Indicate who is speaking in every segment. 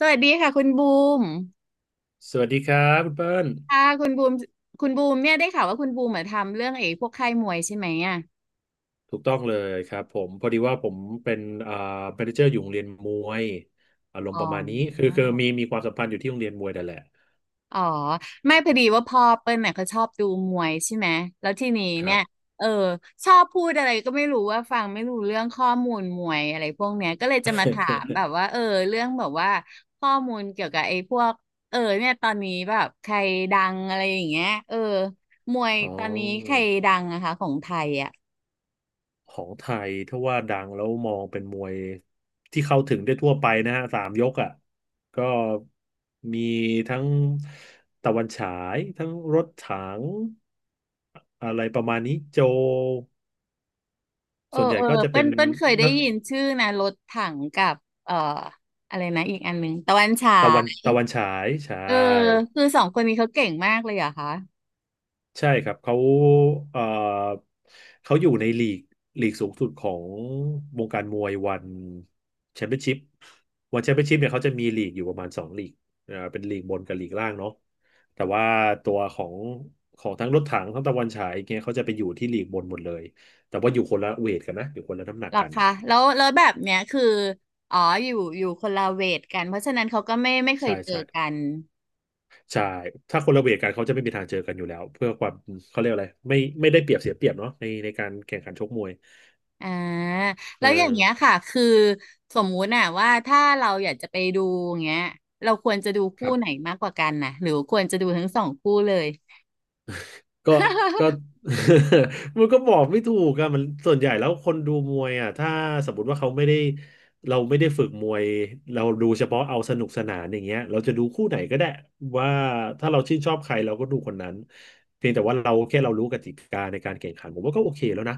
Speaker 1: สวัสดีค่ะคุณบูม
Speaker 2: สวัสดีครับคุณเปิ้ล
Speaker 1: ค่ะคุณบูมคุณบูมเนี่ยได้ข่าวว่าคุณบูมมาทำเรื่องไอ้พวกค่ายมวยใช่ไหมอ่ะ
Speaker 2: ถูกต้องเลยครับผมพอดีว่าผมเป็นอ่าแมเนเจอร์อยู่โรงเรียนมวยอารม
Speaker 1: อ๋อ
Speaker 2: ณ์ประมาณนี้คือมีความสัมพันธ์อยู่ที่โรงเรียนมวยนั่นแหละ
Speaker 1: อ๋อไม่พอดีว่าพ่อเปิ้ลเนี่ยเขาชอบดูมวยใช่ไหมแล้วทีนี้
Speaker 2: ครั
Speaker 1: เนี่
Speaker 2: บ
Speaker 1: ยเออชอบพูดอะไรก็ไม่รู้ว่าฟังไม่รู้เรื่องข้อมูลมวยอะไรพวกเนี้ยก็เลยจะมาถามแบบว่าเออเรื่องแบบว่าข้อมูลเกี่ยวกับไอ้พวกเออเนี่ยตอนนี้แบบใครดังอะไรอย่างเงี้ยเออมวย
Speaker 2: อ๋อ
Speaker 1: ตอนนี้ใครดังอะคะของไทยอะ
Speaker 2: ของไทยถ้าว่าดังแล้วมองเป็นมวยที่เข้าถึงได้ทั่วไปนะฮะสามยกอ่ะก็มีทั้งตะวันฉายทั้งรถถังอะไรประมาณนี้โจ
Speaker 1: เออ
Speaker 2: ส่วนใหญ่
Speaker 1: เออ
Speaker 2: ก็จะ
Speaker 1: เปิ้
Speaker 2: เป็
Speaker 1: ล
Speaker 2: น
Speaker 1: เปิ้ลเคยได้
Speaker 2: นัก
Speaker 1: ยินชื่อนะรถถังกับเอ่ออะไรนะอีกอันหนึงตะวันฉา
Speaker 2: ตะวัน
Speaker 1: ย
Speaker 2: ตะวันฉายใช่
Speaker 1: เออคือสองคนนี้เขาเก่งมากเลยเหรอคะ
Speaker 2: ใช่ครับเขาเอ่อเขาอยู่ในลีกสูงสุดของวงการมวยวันแชมเปี้ยนชิพวันแชมเปี้ยนชิพเนี่ยเขาจะมีลีกอยู่ประมาณสองลีกอ่าเป็นลีกบนกับลีกล่างเนาะแต่ว่าตัวของทั้งรถถังทั้งตะวันฉายเนี่ยเขาจะไปอยู่ที่ลีกบนหมดเลยแต่ว่าอยู่คนละเวทกันนะอยู่คนละน้ำหนัก
Speaker 1: หรอ
Speaker 2: กัน
Speaker 1: คะแล้วแล้วแบบเนี้ยคืออ๋ออยู่อยู่คนละเวทกันเพราะฉะนั้นเขาก็ไม่ไม่เคย
Speaker 2: ใช่
Speaker 1: เจอ
Speaker 2: ใช่
Speaker 1: กัน
Speaker 2: ใช่ ถ้าคนละเวทกันเขาจะไม่มีทางเจอกันอยู่แล้วเพื่อความเขาเรียกอะไรไม่ได้เปรียบเสียเปรียบเนาะในการแข่งขันชกมวย
Speaker 1: อ่า
Speaker 2: เอ
Speaker 1: แล้
Speaker 2: อ
Speaker 1: วอย่างเงี้ยค่ะคือสมมุติน่ะว่าถ้าเราอยากจะไปดูอย่างเงี้ยเราควรจะดู
Speaker 2: ค
Speaker 1: คู่
Speaker 2: รั
Speaker 1: ไหน
Speaker 2: บ
Speaker 1: มากกว่ากันนะหรือควรจะดูทั้งสองคู่เลย
Speaker 2: ก็ก็ มันก็บอกไม่ถูกอะมันส่วนใหญ่แล้วคนดูมวยอะถ้าสมมติว่าเขาไม่ได้เราไม่ได้ฝึกมวยเราดูเฉพาะเอาสนุกสนานอย่างเงี้ยเราจะดูคู่ไหนก็ได้ว่าถ้าเราชื่นชอบใครเราก็ดูคนนั้นเพียงแต่ว่าเราแค่เรารู้กติกาในการแข่งขันผมว่าก็โอเคแล้วนะ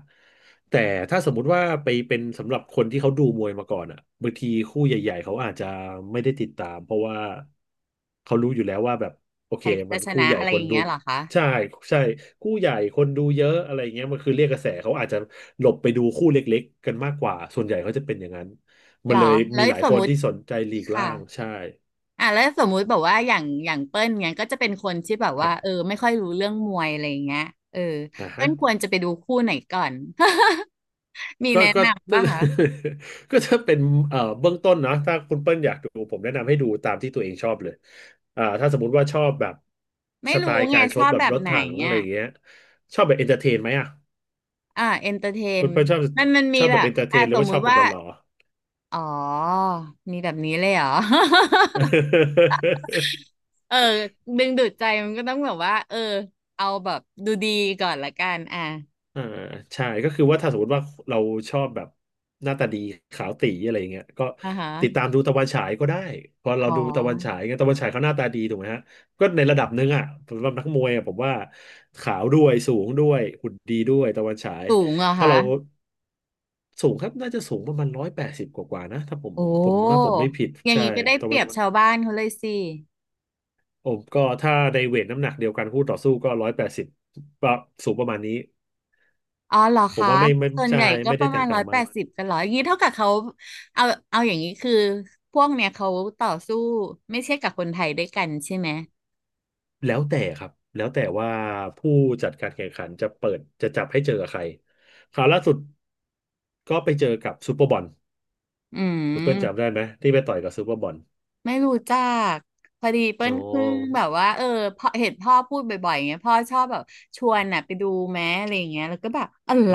Speaker 2: แต่ถ้าสมมุติว่าไปเป็นสำหรับคนที่เขาดูมวยมาก่อนอ่ะบางทีคู่ใหญ่ๆเขาอาจจะไม่ได้ติดตามเพราะว่าเขารู้อยู่แล้วว่าแบบโอ
Speaker 1: ใค
Speaker 2: เค
Speaker 1: รจะ
Speaker 2: มัน
Speaker 1: ช
Speaker 2: คู่
Speaker 1: นะ
Speaker 2: ใหญ่
Speaker 1: อะไร
Speaker 2: ค
Speaker 1: อ
Speaker 2: น
Speaker 1: ย่าง
Speaker 2: ดู
Speaker 1: เงี้ยเหรอคะ
Speaker 2: ใช่ใช่คู่ใหญ่คนดูเยอะอะไรเงี้ยมันคือเรียกกระแสเขาอาจจะหลบไปดูคู่เล็กๆกันมากกว่าส่วนใหญ่เขาจะเป็นอย่างนั้น
Speaker 1: ห
Speaker 2: มั
Speaker 1: ร
Speaker 2: น
Speaker 1: อ
Speaker 2: เลย
Speaker 1: แล้
Speaker 2: มี
Speaker 1: ว
Speaker 2: หลาย
Speaker 1: สม
Speaker 2: คน
Speaker 1: มุติ
Speaker 2: ที่สนใจลีก
Speaker 1: ค่ะ
Speaker 2: ล่างใช่
Speaker 1: อ่ะแล้วสมมุติแบบว่าอย่างอย่างเปิ้ลเนี้ยก็จะเป็นคนที่แบบ
Speaker 2: ครั
Speaker 1: ว่า
Speaker 2: บ
Speaker 1: เออไม่ค่อยรู้เรื่องมวยอะไรอย่างเงี้ยเออ
Speaker 2: อ่าฮะ
Speaker 1: เปิ้ลควรจะไปดูคู่ไหนก่อน มี
Speaker 2: ก็
Speaker 1: แนะ
Speaker 2: ก็
Speaker 1: นำป่ะคะ
Speaker 2: ก็จะเป็นเบื้องต้นนะถ้าคุณเปิ้ลอยากดูผมแนะนำให้ดูตามที่ตัวเองชอบเลยอ่าถ้าสมมุติว่าชอบแบบ
Speaker 1: ไม่
Speaker 2: สไต
Speaker 1: รู้
Speaker 2: ล์
Speaker 1: ไง
Speaker 2: การช
Speaker 1: ช
Speaker 2: ก
Speaker 1: อบ
Speaker 2: แบบ
Speaker 1: แบบ
Speaker 2: รถ
Speaker 1: ไหน
Speaker 2: ถังอะไร
Speaker 1: อ่ะ
Speaker 2: เงี้ยชอบแบบเอนเตอร์เทนไหมอ่ะ
Speaker 1: อ่าเอนเตอร์เท
Speaker 2: คุ
Speaker 1: น
Speaker 2: ณเปิ้ลชอบ
Speaker 1: มันมันมี
Speaker 2: ชอบแบ
Speaker 1: แบ
Speaker 2: บ
Speaker 1: บ
Speaker 2: เอนเตอร์เท
Speaker 1: อ่ะ
Speaker 2: นหรื
Speaker 1: ส
Speaker 2: อ
Speaker 1: ม
Speaker 2: ว่า
Speaker 1: มุ
Speaker 2: ชอบ
Speaker 1: ติ
Speaker 2: แบบ
Speaker 1: ว่า
Speaker 2: หล่อ
Speaker 1: อ๋อมีแบบนี้เลยเหรอ
Speaker 2: ๆ
Speaker 1: เออดึงดูดใจมันก็ต้องแบบว่าเออเอาแบบดูดีก่อนละกันอ่ะ
Speaker 2: อ่าใช่ก็คือว่าถ้าสมมติว่าเราชอบแบบหน้าตาดีขาวตี๋อะไรอย่างเงี้ยก็
Speaker 1: อ่าฮะ
Speaker 2: ติดตามดูตะวันฉายก็ได้พอเรา
Speaker 1: อ๋
Speaker 2: ดูตะวันฉา
Speaker 1: อ
Speaker 2: ยเงี้ยตะวันฉายเขาหน้าตาดีถูกไหมฮะก็ในระดับหนึ่งอ่ะสำหรับนักมวยอ่ะผมว่าขาวด้วยสูงด้วยหุ่นดีด้วยตะวันฉาย
Speaker 1: สูงเหรอ
Speaker 2: ถ้า
Speaker 1: คะ
Speaker 2: เราสูงครับน่าจะสูงประมาณ180 กว่าๆนะถ้าผม
Speaker 1: โอ้
Speaker 2: ผมถ้าผมไม่ผิด
Speaker 1: อย่าง
Speaker 2: ใช่
Speaker 1: นี้ก็ได้
Speaker 2: แต่
Speaker 1: เปรี
Speaker 2: ว่า
Speaker 1: ยบชาวบ้านเขาเลยสิ
Speaker 2: ผมก็ถ้าในเวทน้ำหนักเดียวกันคู่ต่อสู้ก็ร้อยแปดสิบสูงประมาณนี้
Speaker 1: อ๋อเหรอ
Speaker 2: ผม
Speaker 1: คะ
Speaker 2: ว่าไม่
Speaker 1: ส่วน
Speaker 2: ใช่
Speaker 1: ใหญ่ก็
Speaker 2: ไม่
Speaker 1: ป
Speaker 2: ได้
Speaker 1: ระ
Speaker 2: แต
Speaker 1: มาณ
Speaker 2: กต่า
Speaker 1: ร้อ
Speaker 2: ง
Speaker 1: ยแป
Speaker 2: มาก
Speaker 1: ดสิบกันเหรออย่างนี้เท่ากับเขาเอาเอาอย่างนี้คือพวกเนี้ยเขาต่อสู้ไม่ใช่กับคนไทยด้วยกันใช่ไหม
Speaker 2: แล้วแต่ครับแล้วแต่ว่าผู้จัดการแข่งขันจะเปิดจะจับให้เจอกับใครคราวล่าสุดก็ไปเจอกับซูเปอร์บอล
Speaker 1: อื
Speaker 2: คุณเปิ้ลจำได้
Speaker 1: ม
Speaker 2: ไหมที่ไปต่อยกับซูเปอร์บอล
Speaker 1: ไม่รู้จักพอดีเปิ้
Speaker 2: อ๋อ
Speaker 1: ลเพิ่งแบบว่าเออพอเห็นพ่อพูดบ่อยๆอย่างเงี้ยพ่อชอบแบบชวนน่ะไปดูแม้อะไรอย่างเงี้ยแล้วก็แบบอะไร
Speaker 2: อ๋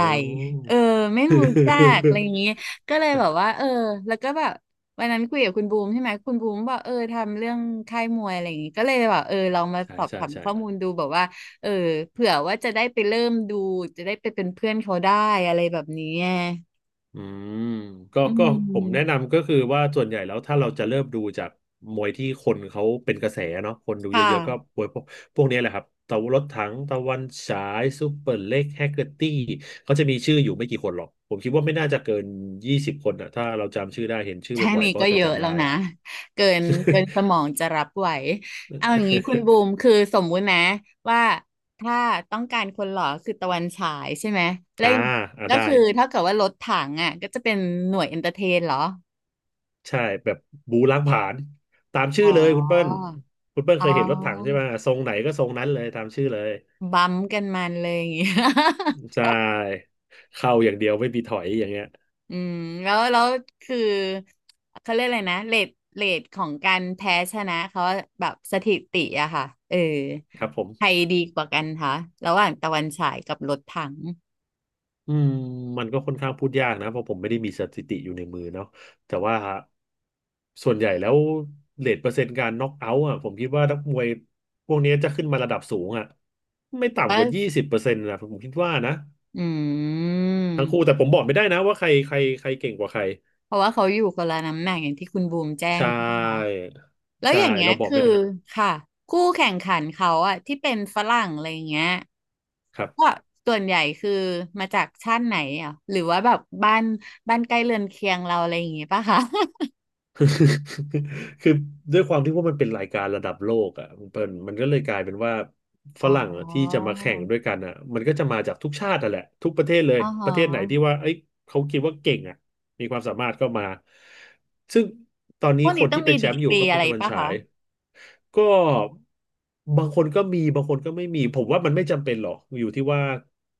Speaker 1: เอ
Speaker 2: อ
Speaker 1: อไม่รู้จักอะไรอ ย่างเงี้ยก็เลยแบบว่าเออแล้วก็แบบวันนั้นคุยกับคุณบูมใช่ไหมคุณบูมบอกเออทำเรื่องค่ายมวยอะไรอย่างงี้ก็เลยแบบเออลองมา
Speaker 2: ใช่
Speaker 1: สอบ
Speaker 2: ใช่
Speaker 1: ถาม
Speaker 2: ใช่
Speaker 1: ข้อมูลดูแบบว่าเออเผื่อว่าจะได้ไปเริ่มดูจะได้ไปเป็นเพื่อนเขาได้อะไรแบบนี้ไง
Speaker 2: อืมก็
Speaker 1: อื
Speaker 2: ก็ผมแนะ
Speaker 1: ม
Speaker 2: นำก็คือว่าส่วนใหญ่แล้วถ้าเราจะเริ่มดูจากมวยที่คนเขาเป็นกระแสเนาะคนดู
Speaker 1: ค
Speaker 2: เยอะๆก็
Speaker 1: ่ะ
Speaker 2: มวยพวกนี้แหละครับตะวันรถถังตะวันฉายซูเปอร์เล็กแฮกเกอร์ตี้เขาจะมีชื่ออยู่ไม่กี่คนหรอกผมคิดว่าไม่น่าจะเกิน20 คนอ่ะถ้าเราจำชื่อได้เห็นชื่อ
Speaker 1: แค่
Speaker 2: บ่อย
Speaker 1: นี้
Speaker 2: ๆก็
Speaker 1: ก็
Speaker 2: จะ
Speaker 1: เยอะ
Speaker 2: จำ
Speaker 1: แล้
Speaker 2: ได้
Speaker 1: วนะเกินเกินสมองจะรับไหวเอาอย่างนี้คุณบูมคือสมมุตินะว่าถ้าต้องการคนหล่อคือตะวันฉายใช่ไหมแล้ ว
Speaker 2: อ่า
Speaker 1: อย่าง
Speaker 2: อ่า
Speaker 1: ก็
Speaker 2: ได้
Speaker 1: คือเท่ากับว่ารถถังอ่ะก็จะเป็นหน่วยเอนเตอร์เทนเหรอ
Speaker 2: ใช่แบบบูล้างผลาญตามชื่
Speaker 1: อ๋อ
Speaker 2: อเลยคุณเปิ้ลคุณเปิ้ล
Speaker 1: อ๋
Speaker 2: เค
Speaker 1: อ
Speaker 2: ยเห็นรถถังใช่ไหมทรงไหนก็ทรงนั้นเลยตามชื่อเลย
Speaker 1: บัมป์กันมันเลยอย่างงี้
Speaker 2: ใช่เข้าอย่างเดียวไม่มีถอยอย่างเงี้ย
Speaker 1: อืมแล้วแล้วคือเขาเรียกอะไรนะเรทเรทของการแพ้ชนะเขาแบบสถิติอะค่ะเออ
Speaker 2: ครับผ
Speaker 1: ใคร
Speaker 2: ม
Speaker 1: ดีกว่ากันคะระหว่างตะวันฉายกับรถถัง
Speaker 2: อืมมันก็ค่อนข้างพูดยากนะเพราะผมไม่ได้มีสถิติอยู่ในมือเนาะแต่ว่าส่วนใหญ่แล้วเรทเปอร์เซ็นต์การน็อกเอาท์อ่ะผมคิดว่านักมวยพวกนี้จะขึ้นมาระดับสูงอ่ะไม่
Speaker 1: ก็
Speaker 2: ต่ำกว่า20%นะผมคิดว่านะ
Speaker 1: อื
Speaker 2: ทั้งคู่
Speaker 1: ม
Speaker 2: แต่ผมบอกไม่ได้นะว่าใครใครใครเก่งกว่าใคร
Speaker 1: เพราะว่าเขาอยู่คนละน้ำหนักอย่างที่คุณบูมแจ้ง
Speaker 2: ใช่
Speaker 1: ใช่ปะแล้ว
Speaker 2: ใช่
Speaker 1: อย่างเงี้ย
Speaker 2: เราบอก
Speaker 1: คือ
Speaker 2: ไม่ได้
Speaker 1: ค่ะคู่แข่งขันเขาอะที่เป็นฝรั่งอะไรอย่างเงี้ย
Speaker 2: ครับ
Speaker 1: ก็ส่วนใหญ่คือมาจากชาติไหนอ่ะหรือว่าแบบบ้านบ้านใกล้เรือนเคียงเราอะไรอย่างงี้ป่ะคะ
Speaker 2: คือคือด้วยความที่ว่ามันเป็นรายการระดับโลกอ่ะมันเป็นมันก็เลยกลายเป็นว่าฝ
Speaker 1: อ๋อ
Speaker 2: รั่งอะที่จะมาแข่งด้วยกันอ่ะมันก็จะมาจากทุกชาติอ่ะแหละทุกประเทศเลย
Speaker 1: อ๋อฮ
Speaker 2: ประเทศไหนที่
Speaker 1: ะ
Speaker 2: ว่าเอ้ยเขาคิดว่าเก่งอ่ะ มีความสามารถก็มา ซึ่งตอน
Speaker 1: พ
Speaker 2: นี้
Speaker 1: วก
Speaker 2: ค
Speaker 1: นี้
Speaker 2: น
Speaker 1: ต้อง
Speaker 2: ที่เป็
Speaker 1: มี
Speaker 2: นแช
Speaker 1: ดี
Speaker 2: มป์อ
Speaker 1: ก
Speaker 2: ยู่
Speaker 1: รี
Speaker 2: ก็
Speaker 1: อะ
Speaker 2: เป็น
Speaker 1: ไร
Speaker 2: ตะวัน
Speaker 1: ป่ะ
Speaker 2: ฉา
Speaker 1: คะ
Speaker 2: ยก็บางคนก็มีบางคนก็ไม่มี ผมว่ามันไม่จำเป็นหรอกอยู่ที่ว่า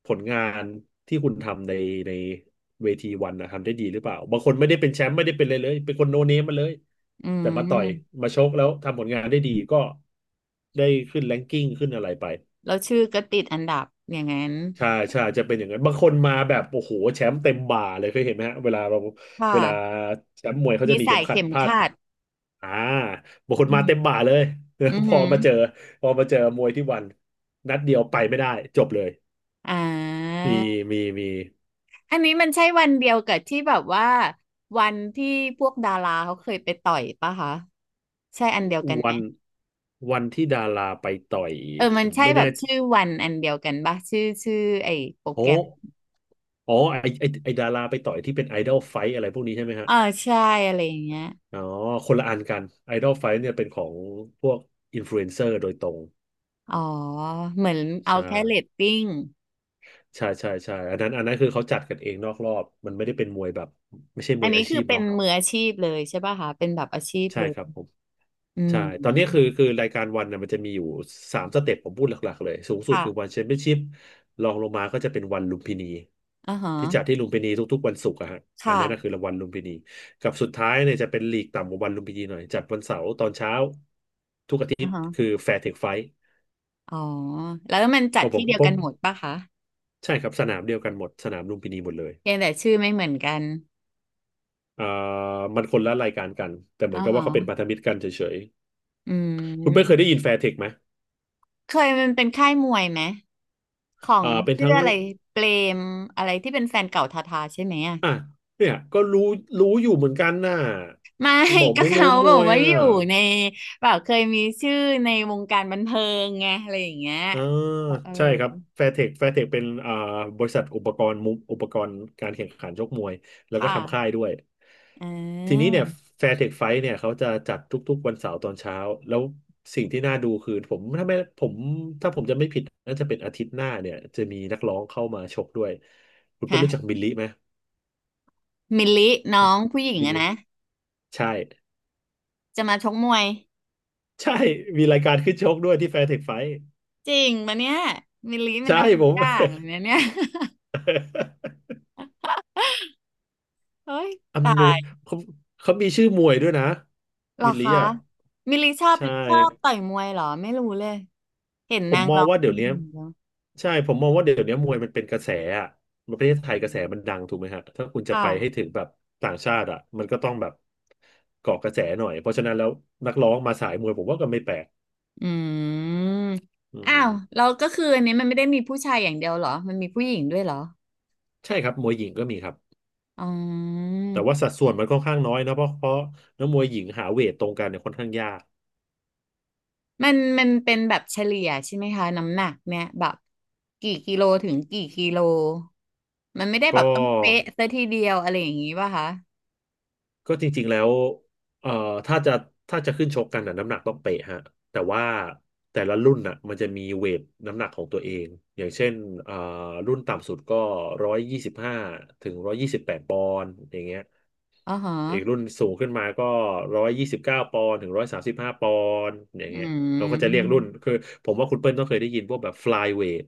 Speaker 2: ผลงานที่คุณทำในเวทีวันนะทำได้ดีหรือเปล่าบางคนไม่ได้เป็นแชมป์ไม่ได้เป็นอะไรเลยเป็นคนโนเนมมาเลย
Speaker 1: อื
Speaker 2: แต่มาต่อย
Speaker 1: ม
Speaker 2: มาชกแล้วทำผลงานได้ดีก็ได้ขึ้นแรงกิ้งขึ้นอะไรไป
Speaker 1: แล้วชื่อก็ติดอันดับอย่างนั้น
Speaker 2: ใช่ใช่จะเป็นอย่างนั้นบางคนมาแบบโอ้โหแชมป์เต็มบ่าเลยเคยเห็นไหมฮะเวลาเรา
Speaker 1: ค
Speaker 2: เวลา
Speaker 1: ่ะ
Speaker 2: แชมป์มวยเขา
Speaker 1: มี
Speaker 2: จะมี
Speaker 1: สา
Speaker 2: เข็ม
Speaker 1: ย
Speaker 2: ขัด
Speaker 1: เข็ม
Speaker 2: พาด
Speaker 1: ขัด
Speaker 2: อ่าบางค
Speaker 1: อื
Speaker 2: นมาเต็ม
Speaker 1: ม
Speaker 2: บ่าเลย
Speaker 1: อือ
Speaker 2: พ
Speaker 1: หื
Speaker 2: อ
Speaker 1: อ
Speaker 2: มาเจอพอมาเจอมวยที่วันนัดเดียวไปไม่ได้จบเลย
Speaker 1: อ่า
Speaker 2: มีมี
Speaker 1: อันนี้มันใช่วันเดียวกับที่แบบว่าวันที่พวกดาราเขาเคยไปต่อยป่ะคะใช่อันเดียวกันไห
Speaker 2: วั
Speaker 1: ม
Speaker 2: นวันที่ดาราไปต่อย
Speaker 1: เออ
Speaker 2: ผ
Speaker 1: มัน
Speaker 2: ม
Speaker 1: ใช่
Speaker 2: ไม่
Speaker 1: แบ
Speaker 2: แน่
Speaker 1: บชื่อวันอันเดียวกันป่ะชื่อชื่อไอ้โปร
Speaker 2: โอ้
Speaker 1: แกรม
Speaker 2: อ๋อไอไอไอดาราไปต่อยที่เป็นไอดอลไฟอะไรพวกนี้ใช่ไหมฮะ
Speaker 1: อ่าใช่อะไรอย่างเงี้ย
Speaker 2: อ๋อคนละอันกันไอดอลไฟเนี่ยเป็นของพวกอินฟลูเอนเซอร์โดยตรง
Speaker 1: อ๋อเหมือนเอา
Speaker 2: ใช่
Speaker 1: แค่เรตติ้ง
Speaker 2: ใช่ใช่ใช่อันนั้นอันนั้นคือเขาจัดกันเองนอกรอบ มันไม่ได้เป็นมวยแบบไม่ใช่ม
Speaker 1: อัน
Speaker 2: วย
Speaker 1: นี้
Speaker 2: อา
Speaker 1: คื
Speaker 2: ชี
Speaker 1: อ
Speaker 2: พ
Speaker 1: เป็น
Speaker 2: เนาะ
Speaker 1: มืออาชีพเลยใช่ป่ะคะเป็นแบบอาชีพ
Speaker 2: ใช่
Speaker 1: เล
Speaker 2: ครับ
Speaker 1: ย
Speaker 2: ผม
Speaker 1: อื
Speaker 2: ใช่
Speaker 1: ม
Speaker 2: ตอนนี้คือรายการวันน่ะมันจะมีอยู่สามสเต็ปผมพูดหลักๆเลยสูงสุด
Speaker 1: ค่ะ
Speaker 2: คือวันแชมเปี้ยนชิพรองลงมาก็จะเป็นวันลุมพินี
Speaker 1: อ่าฮะ
Speaker 2: ที่จัดที่ลุมพินีทุกๆวันศุกร์อะฮะอันนั้นก็คือ
Speaker 1: ค่ะ
Speaker 2: รางวัลลุมพินีกับสุดท้ายเนี่ยจะเป็นลีกต่ำกว่าวันลุมพินีหน่อยจัดวันเสาร์ตอนเช้าทุกอาทิต
Speaker 1: อ่า
Speaker 2: ย์
Speaker 1: ฮะ
Speaker 2: คือแฟร์เทคไฟท์
Speaker 1: อ๋อแล้วมันจั
Speaker 2: ตั
Speaker 1: ด
Speaker 2: วผ
Speaker 1: ที่
Speaker 2: ม
Speaker 1: เดียว
Speaker 2: ผ
Speaker 1: กั
Speaker 2: ม
Speaker 1: นหมดป่ะคะ
Speaker 2: ใช่ครับสนามเดียวกันหมดสนามลุมพินีหมดเลย
Speaker 1: เพียงแต่ชื่อไม่เหมือนกัน
Speaker 2: อ่ามันคนละรายการกันแต่เหมือ
Speaker 1: อ่า
Speaker 2: นกับ
Speaker 1: ฮะ
Speaker 2: ว่าเขาเป็นพันธมิตรกันเฉย
Speaker 1: อื
Speaker 2: ๆคุณเป้ยเคย
Speaker 1: ม
Speaker 2: ได้ยินแฟร์เทคไหม
Speaker 1: เคยมันเป็นค่ายมวยไหมของ
Speaker 2: อ่าเป็น
Speaker 1: ชื่อ
Speaker 2: ทั้ง
Speaker 1: อะไรเปรมอะไรที่เป็นแฟนเก่าทาทาใช่ไหมอะ
Speaker 2: อ่ะเนี่ยก็รู้อยู่เหมือนกันน่ะ
Speaker 1: ไม่
Speaker 2: บอก
Speaker 1: ก็
Speaker 2: ไม่รู้
Speaker 1: เขา
Speaker 2: ม
Speaker 1: บอก
Speaker 2: วย
Speaker 1: ว่าอ
Speaker 2: อ่ะ
Speaker 1: ยู่ในแบบเคยมีชื่อในวงการบันเทิงไงอะไรอย่างเงี้ย
Speaker 2: อ่า
Speaker 1: เออ
Speaker 2: ใช่ครับแฟร์เทคแฟร์เทคเป็นบริษัทอุปกรณ์อุปกรณ์การแข่งขันชกมวยแล้ว
Speaker 1: ค
Speaker 2: ก็ทำค่าย
Speaker 1: ่ะ
Speaker 2: ด้วย
Speaker 1: อ่
Speaker 2: ทีนี้
Speaker 1: า
Speaker 2: เนี่ยแฟร์เทคไฟท์เนี่ยเขาจะจัดทุกๆวันเสาร์ตอนเช้าแล้วสิ่งที่น่าดูคือผมถ้าผมจะไม่ผิดน่าจะเป็นอาทิตย์หน้าเนี่ยจะมีนักร้องเข้ามาชกด้วยคุณเปิ้ล
Speaker 1: ฮะ
Speaker 2: รู้จักบิลลี่ไหม
Speaker 1: มิลลิน้องผู้หญิง
Speaker 2: บิล
Speaker 1: อะ
Speaker 2: ลี่
Speaker 1: นะ
Speaker 2: ใช่
Speaker 1: จะมาชกมวย
Speaker 2: ใช่มีรายการขึ้นชกด้วยที่แฟร์เทคไฟท์
Speaker 1: จริงปะเนี่ยมิลลิมัน
Speaker 2: ใช่
Speaker 1: เอาทุ
Speaker 2: ผ
Speaker 1: ก
Speaker 2: ม
Speaker 1: อย่างเลยนะเนี่ย เฮ้ย ตา
Speaker 2: อำนวย
Speaker 1: ย
Speaker 2: เขาเขามีชื่อมวยด้วยนะ
Speaker 1: เหรอ
Speaker 2: บิลลี่
Speaker 1: คะ
Speaker 2: อ่ะ
Speaker 1: มิลลิชอบ
Speaker 2: ใช่
Speaker 1: ชอบต่อยมวยเหรอไม่รู้เลยเห็น
Speaker 2: ผ
Speaker 1: นา
Speaker 2: ม
Speaker 1: ง
Speaker 2: มอ
Speaker 1: ร้
Speaker 2: ง
Speaker 1: อง
Speaker 2: ว่า
Speaker 1: เพ
Speaker 2: เดี๋
Speaker 1: ล
Speaker 2: ยว
Speaker 1: ง
Speaker 2: นี้
Speaker 1: อย่างเดียว
Speaker 2: ใช่ผมมองว่าเดี๋ยวนี้มวยมันเป็นกระแสอ่ะประเทศไทยกระแสมันดังถูกไหมฮะถ้าคุณ
Speaker 1: ค
Speaker 2: จะไปให้
Speaker 1: ่ะ
Speaker 2: ถึงแบบต่างชาติอ่ะมันก็ต้องแบบเกาะกระแสหน่อยเพราะฉะนั้นแล้วนักร้องมาสายมวยผมว่าก็ไม่แปลก
Speaker 1: อืม
Speaker 2: อื
Speaker 1: อ้าว
Speaker 2: ม
Speaker 1: เราก็คืออันนี้มันไม่ได้มีผู้ชายอย่างเดียวเหรอมันมีผู้หญิงด้วยเหรอ
Speaker 2: ใช่ครับมวยหญิงก็มีครับ
Speaker 1: อ๋อ
Speaker 2: แต่ว่าสัดส่วนมันค่อนข้างน้อยนะเพราะนักมวยหญิงหาเวทตรงกันเนี่ยค่อนข้างยาก
Speaker 1: มันมันเป็นแบบเฉลี่ยใช่ไหมคะน้ำหนักเนี่ยแบบกี่กิโลถึงกี่กิโลมันไม่ได้แบบ
Speaker 2: ก็
Speaker 1: ต้องเป๊ะซะทีเดียวอะไรอย่างงี้ป่ะคะ
Speaker 2: ก็จริงๆแล้วเอ่อถ้าจะถ้าจะขึ้นชกกันน่ะน้ำหนักต้องเป๊ะฮะแต่ว่าแต่ละรุ่นน่ะมันจะมีเวทน้ำหนักของตัวเอง อย่างเช่นเอ่อรุ่นต่ำสุดก็125ถึง128 ปอนด์อย่างเงี้ย
Speaker 1: อ๋อฮะ
Speaker 2: อีกรุ่นสูงขึ้นมาก็129 ปอนด์ถึง135 ปอนด์อย่าง
Speaker 1: อื
Speaker 2: เงี้ยเขาก็จะเรียกรุ่น
Speaker 1: ม
Speaker 2: คือผมว่าคุณเปิ้ลต้องเคยได้ยินพวกแบบ flyweight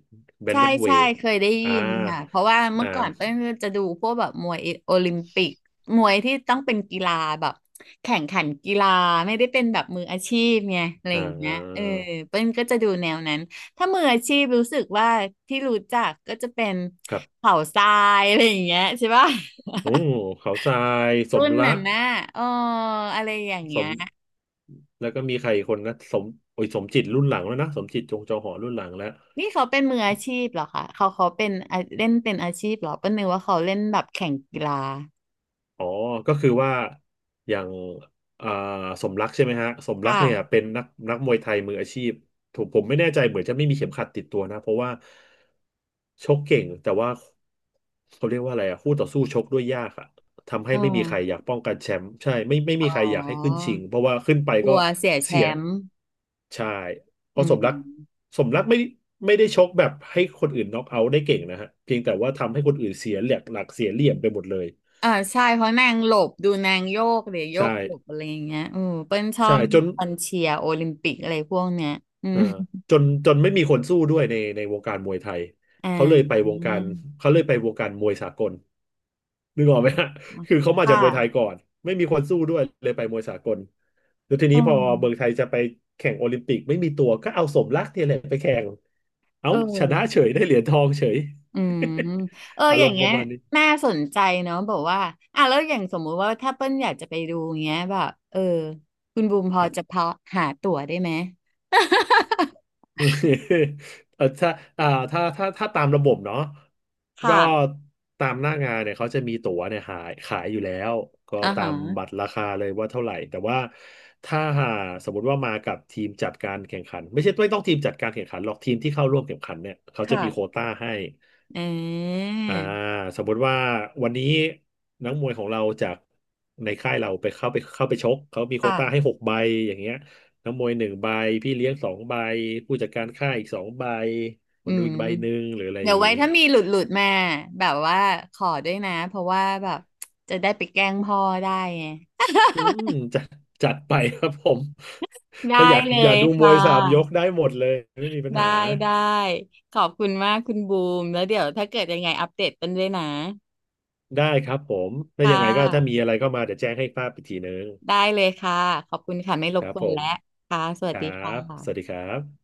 Speaker 1: ใช่ใช่
Speaker 2: bantamweight
Speaker 1: เคยได้
Speaker 2: อ่า
Speaker 1: ยินค่ะเพราะว่า
Speaker 2: อ่
Speaker 1: เมื่อก่อนเป้
Speaker 2: า
Speaker 1: นก็จะดูพวกแบบมวยโอลิมปิกมวยที่ต้องเป็นกีฬาแบบแข่งขันกีฬาไม่ได้เป็นแบบมืออาชีพไงอะไร
Speaker 2: อ่
Speaker 1: อย่างเงี้ยเออ
Speaker 2: า
Speaker 1: เป้นก็จะดูแนวนั้นถ้ามืออาชีพรู้สึกว่าที่รู้จักก็จะเป็น
Speaker 2: ครับ
Speaker 1: เขาทรายอะไรอย่างเงี้ยใช่ป่ะ
Speaker 2: โอ้เขาทรายส ม
Speaker 1: รุ่น
Speaker 2: รั
Speaker 1: นั้น
Speaker 2: ก
Speaker 1: นะเอออะไรอย่าง
Speaker 2: ส
Speaker 1: เงี้ย
Speaker 2: มแล้วก็มีใครอีกคนนะโอ้ยสมจิตรุ่นหลังแล้วนะสมจิตจงจอหอรุ่นหลังแล้ว
Speaker 1: นี่เขาเป็นมืออาชีพเหรอคะเขาเขาเป็นอ่ะเล่นเป็นอาชีพเหรอเป้นนึกว่าเขาเล่นแบบแข่งกีฬา
Speaker 2: อ๋อ ก็คือว่าอย่างเอ่สมรักใช่ไหมฮะสมรักเนี่ย
Speaker 1: ค่ะ
Speaker 2: เป็นนักมวยไทยมืออาชีพถูกผมไม่แน่ใจเหมือนจะไม่มีเข็มขัดติดตัวนะเพราะว่าชกเก่งแต่ว่าเขาเรียกว่าอะไรอะคู่ต่อสู้ชกด้วยยากอะทำให้
Speaker 1: อ๋อ
Speaker 2: ไม่มีใครอยากป้องกันแชมป์ใช่ไม่มีใคร
Speaker 1: อ๋
Speaker 2: อยากให้ขึ้นชิ
Speaker 1: อ
Speaker 2: งเพราะว่าขึ้นไป
Speaker 1: กลั
Speaker 2: ก็
Speaker 1: วเสียแช
Speaker 2: เสีย
Speaker 1: มป์
Speaker 2: ใช่เพ
Speaker 1: อื
Speaker 2: ราะสมรัก
Speaker 1: ม
Speaker 2: สมรักไม่ได้ชกแบบให้คนอื่นน็อกเอาท์ได้เก่งนะฮะเพียงแต่ว่าทำให้คนอื่นเสียหลักเสียเหลี่ยมไปหมดเลย
Speaker 1: อ่าใช่เพราะนางหลบดูนางโยกเดี๋ยวโย
Speaker 2: ใช่
Speaker 1: กหลบอะไรอย่างเงี้ยอือเปิ้ลชอ
Speaker 2: ใช่
Speaker 1: บ
Speaker 2: จน
Speaker 1: ตอนเชียร์โอลิมปิกอะไรพวกเนี้ยอื
Speaker 2: เอ่อ
Speaker 1: ม
Speaker 2: จนจนไม่มีคนสู้ด้วยในวงการมวยไทย
Speaker 1: อ่
Speaker 2: เขาเลยไป
Speaker 1: า
Speaker 2: วงการเขาเลยไปวงการมวยสากลนึกออกไหมฮะคือเขามา
Speaker 1: ค่ะ
Speaker 2: จากมวยไทยก่อนไม่มีคนสู้ด้วยเลยไปมวยสากลแล้วที
Speaker 1: เอ
Speaker 2: นี้พอเมืองไท
Speaker 1: อ
Speaker 2: ยจะไปแข่งโอลิมปิกไม่มีตัวก็เอาสมรักเนี่ยแหละไปแข่งเอ้า
Speaker 1: เอ
Speaker 2: ชนะ
Speaker 1: อ
Speaker 2: เฉยได้เหรียญทองเฉย
Speaker 1: อืมเออ
Speaker 2: อา
Speaker 1: อ
Speaker 2: ร
Speaker 1: ย่า
Speaker 2: ม
Speaker 1: ง
Speaker 2: ณ์ป
Speaker 1: เงี้
Speaker 2: ระ
Speaker 1: ย
Speaker 2: มาณนี้
Speaker 1: น่าสนใจเนาะบอกว่าอ่ะแล้วอย่างสมมุติว่าถ้าเปิ้ลอยากจะไปดูเงี้ยแบบเออคุณบูมพอ
Speaker 2: ครับ
Speaker 1: จะพอหาตั๋วได้ไหม
Speaker 2: เออถ้าอ่าถ้าตามระบบเนาะก็
Speaker 1: ค่ะ
Speaker 2: ตามหน้างานเนี่ยเขาจะมีตั๋วเนี่ยหายขายอยู่แล้ว ก็
Speaker 1: อ่า
Speaker 2: ตา
Speaker 1: ฮะ
Speaker 2: มบัตรราคาเลยว่าเท่าไหร่แต่ว่าถ้าหาสมมติว่ามากับทีมจัดการแข่งขันไม่ใช่ไม่ต้องทีมจัดการแข่งขันหรอกทีมที่เข้าร่วมแข่งขันเนี่ยเขาจะมีโคว
Speaker 1: ค่ะ
Speaker 2: ต้าให้
Speaker 1: เอืา
Speaker 2: อ่าสมมติว่าวันนี้นักมวยของเราจากในค่ายเราไปเข้าไปชกเขามีโควต้าให้
Speaker 1: ค่ะ
Speaker 2: หกใบอย่างเงี้ยนักมวยหนึ่งใบพี่เลี้ยงสองใบผู้จัดการค่ายอีกสองใบค
Speaker 1: อื
Speaker 2: นดู
Speaker 1: ม
Speaker 2: อีกใบหนึ่งหรืออะไรอ
Speaker 1: เดี๋ยว
Speaker 2: ย่าง
Speaker 1: ไว้
Speaker 2: งี้
Speaker 1: ถ้ามีหลุดหลุดมาแบบว่าขอด้วยนะเพราะว่าแบบจะได้ไปแกล้งพ่อได้ไง
Speaker 2: อืมจัดจัดไปครับผม
Speaker 1: ได้
Speaker 2: ถ้าอยาก
Speaker 1: เล
Speaker 2: อยาก
Speaker 1: ย
Speaker 2: ดูมว
Speaker 1: ค่ะ
Speaker 2: ยสามยกได้หมดเลยไม่มีปัญ
Speaker 1: ได้
Speaker 2: หา
Speaker 1: ได้ขอบคุณมากคุณบูมแล้วเดี๋ยวถ้าเกิดยังไงอัปเดตกันด้วยนะ
Speaker 2: ได้ครับผมแล้ว
Speaker 1: ค่
Speaker 2: ยังไงก็ถ้ามี
Speaker 1: ะ
Speaker 2: อะไรเข้ามาเดี๋ยวแจ้งให้ทราบอีกทีนึง
Speaker 1: ได้เลยค่ะขอบคุณค่ะไม่ร
Speaker 2: ค
Speaker 1: บ
Speaker 2: รั
Speaker 1: ก
Speaker 2: บ
Speaker 1: ว
Speaker 2: ผ
Speaker 1: น
Speaker 2: ม
Speaker 1: แล้วค่ะส
Speaker 2: ค
Speaker 1: วัส
Speaker 2: รั
Speaker 1: ดีค่
Speaker 2: บสวัสดี
Speaker 1: ะ
Speaker 2: ครับ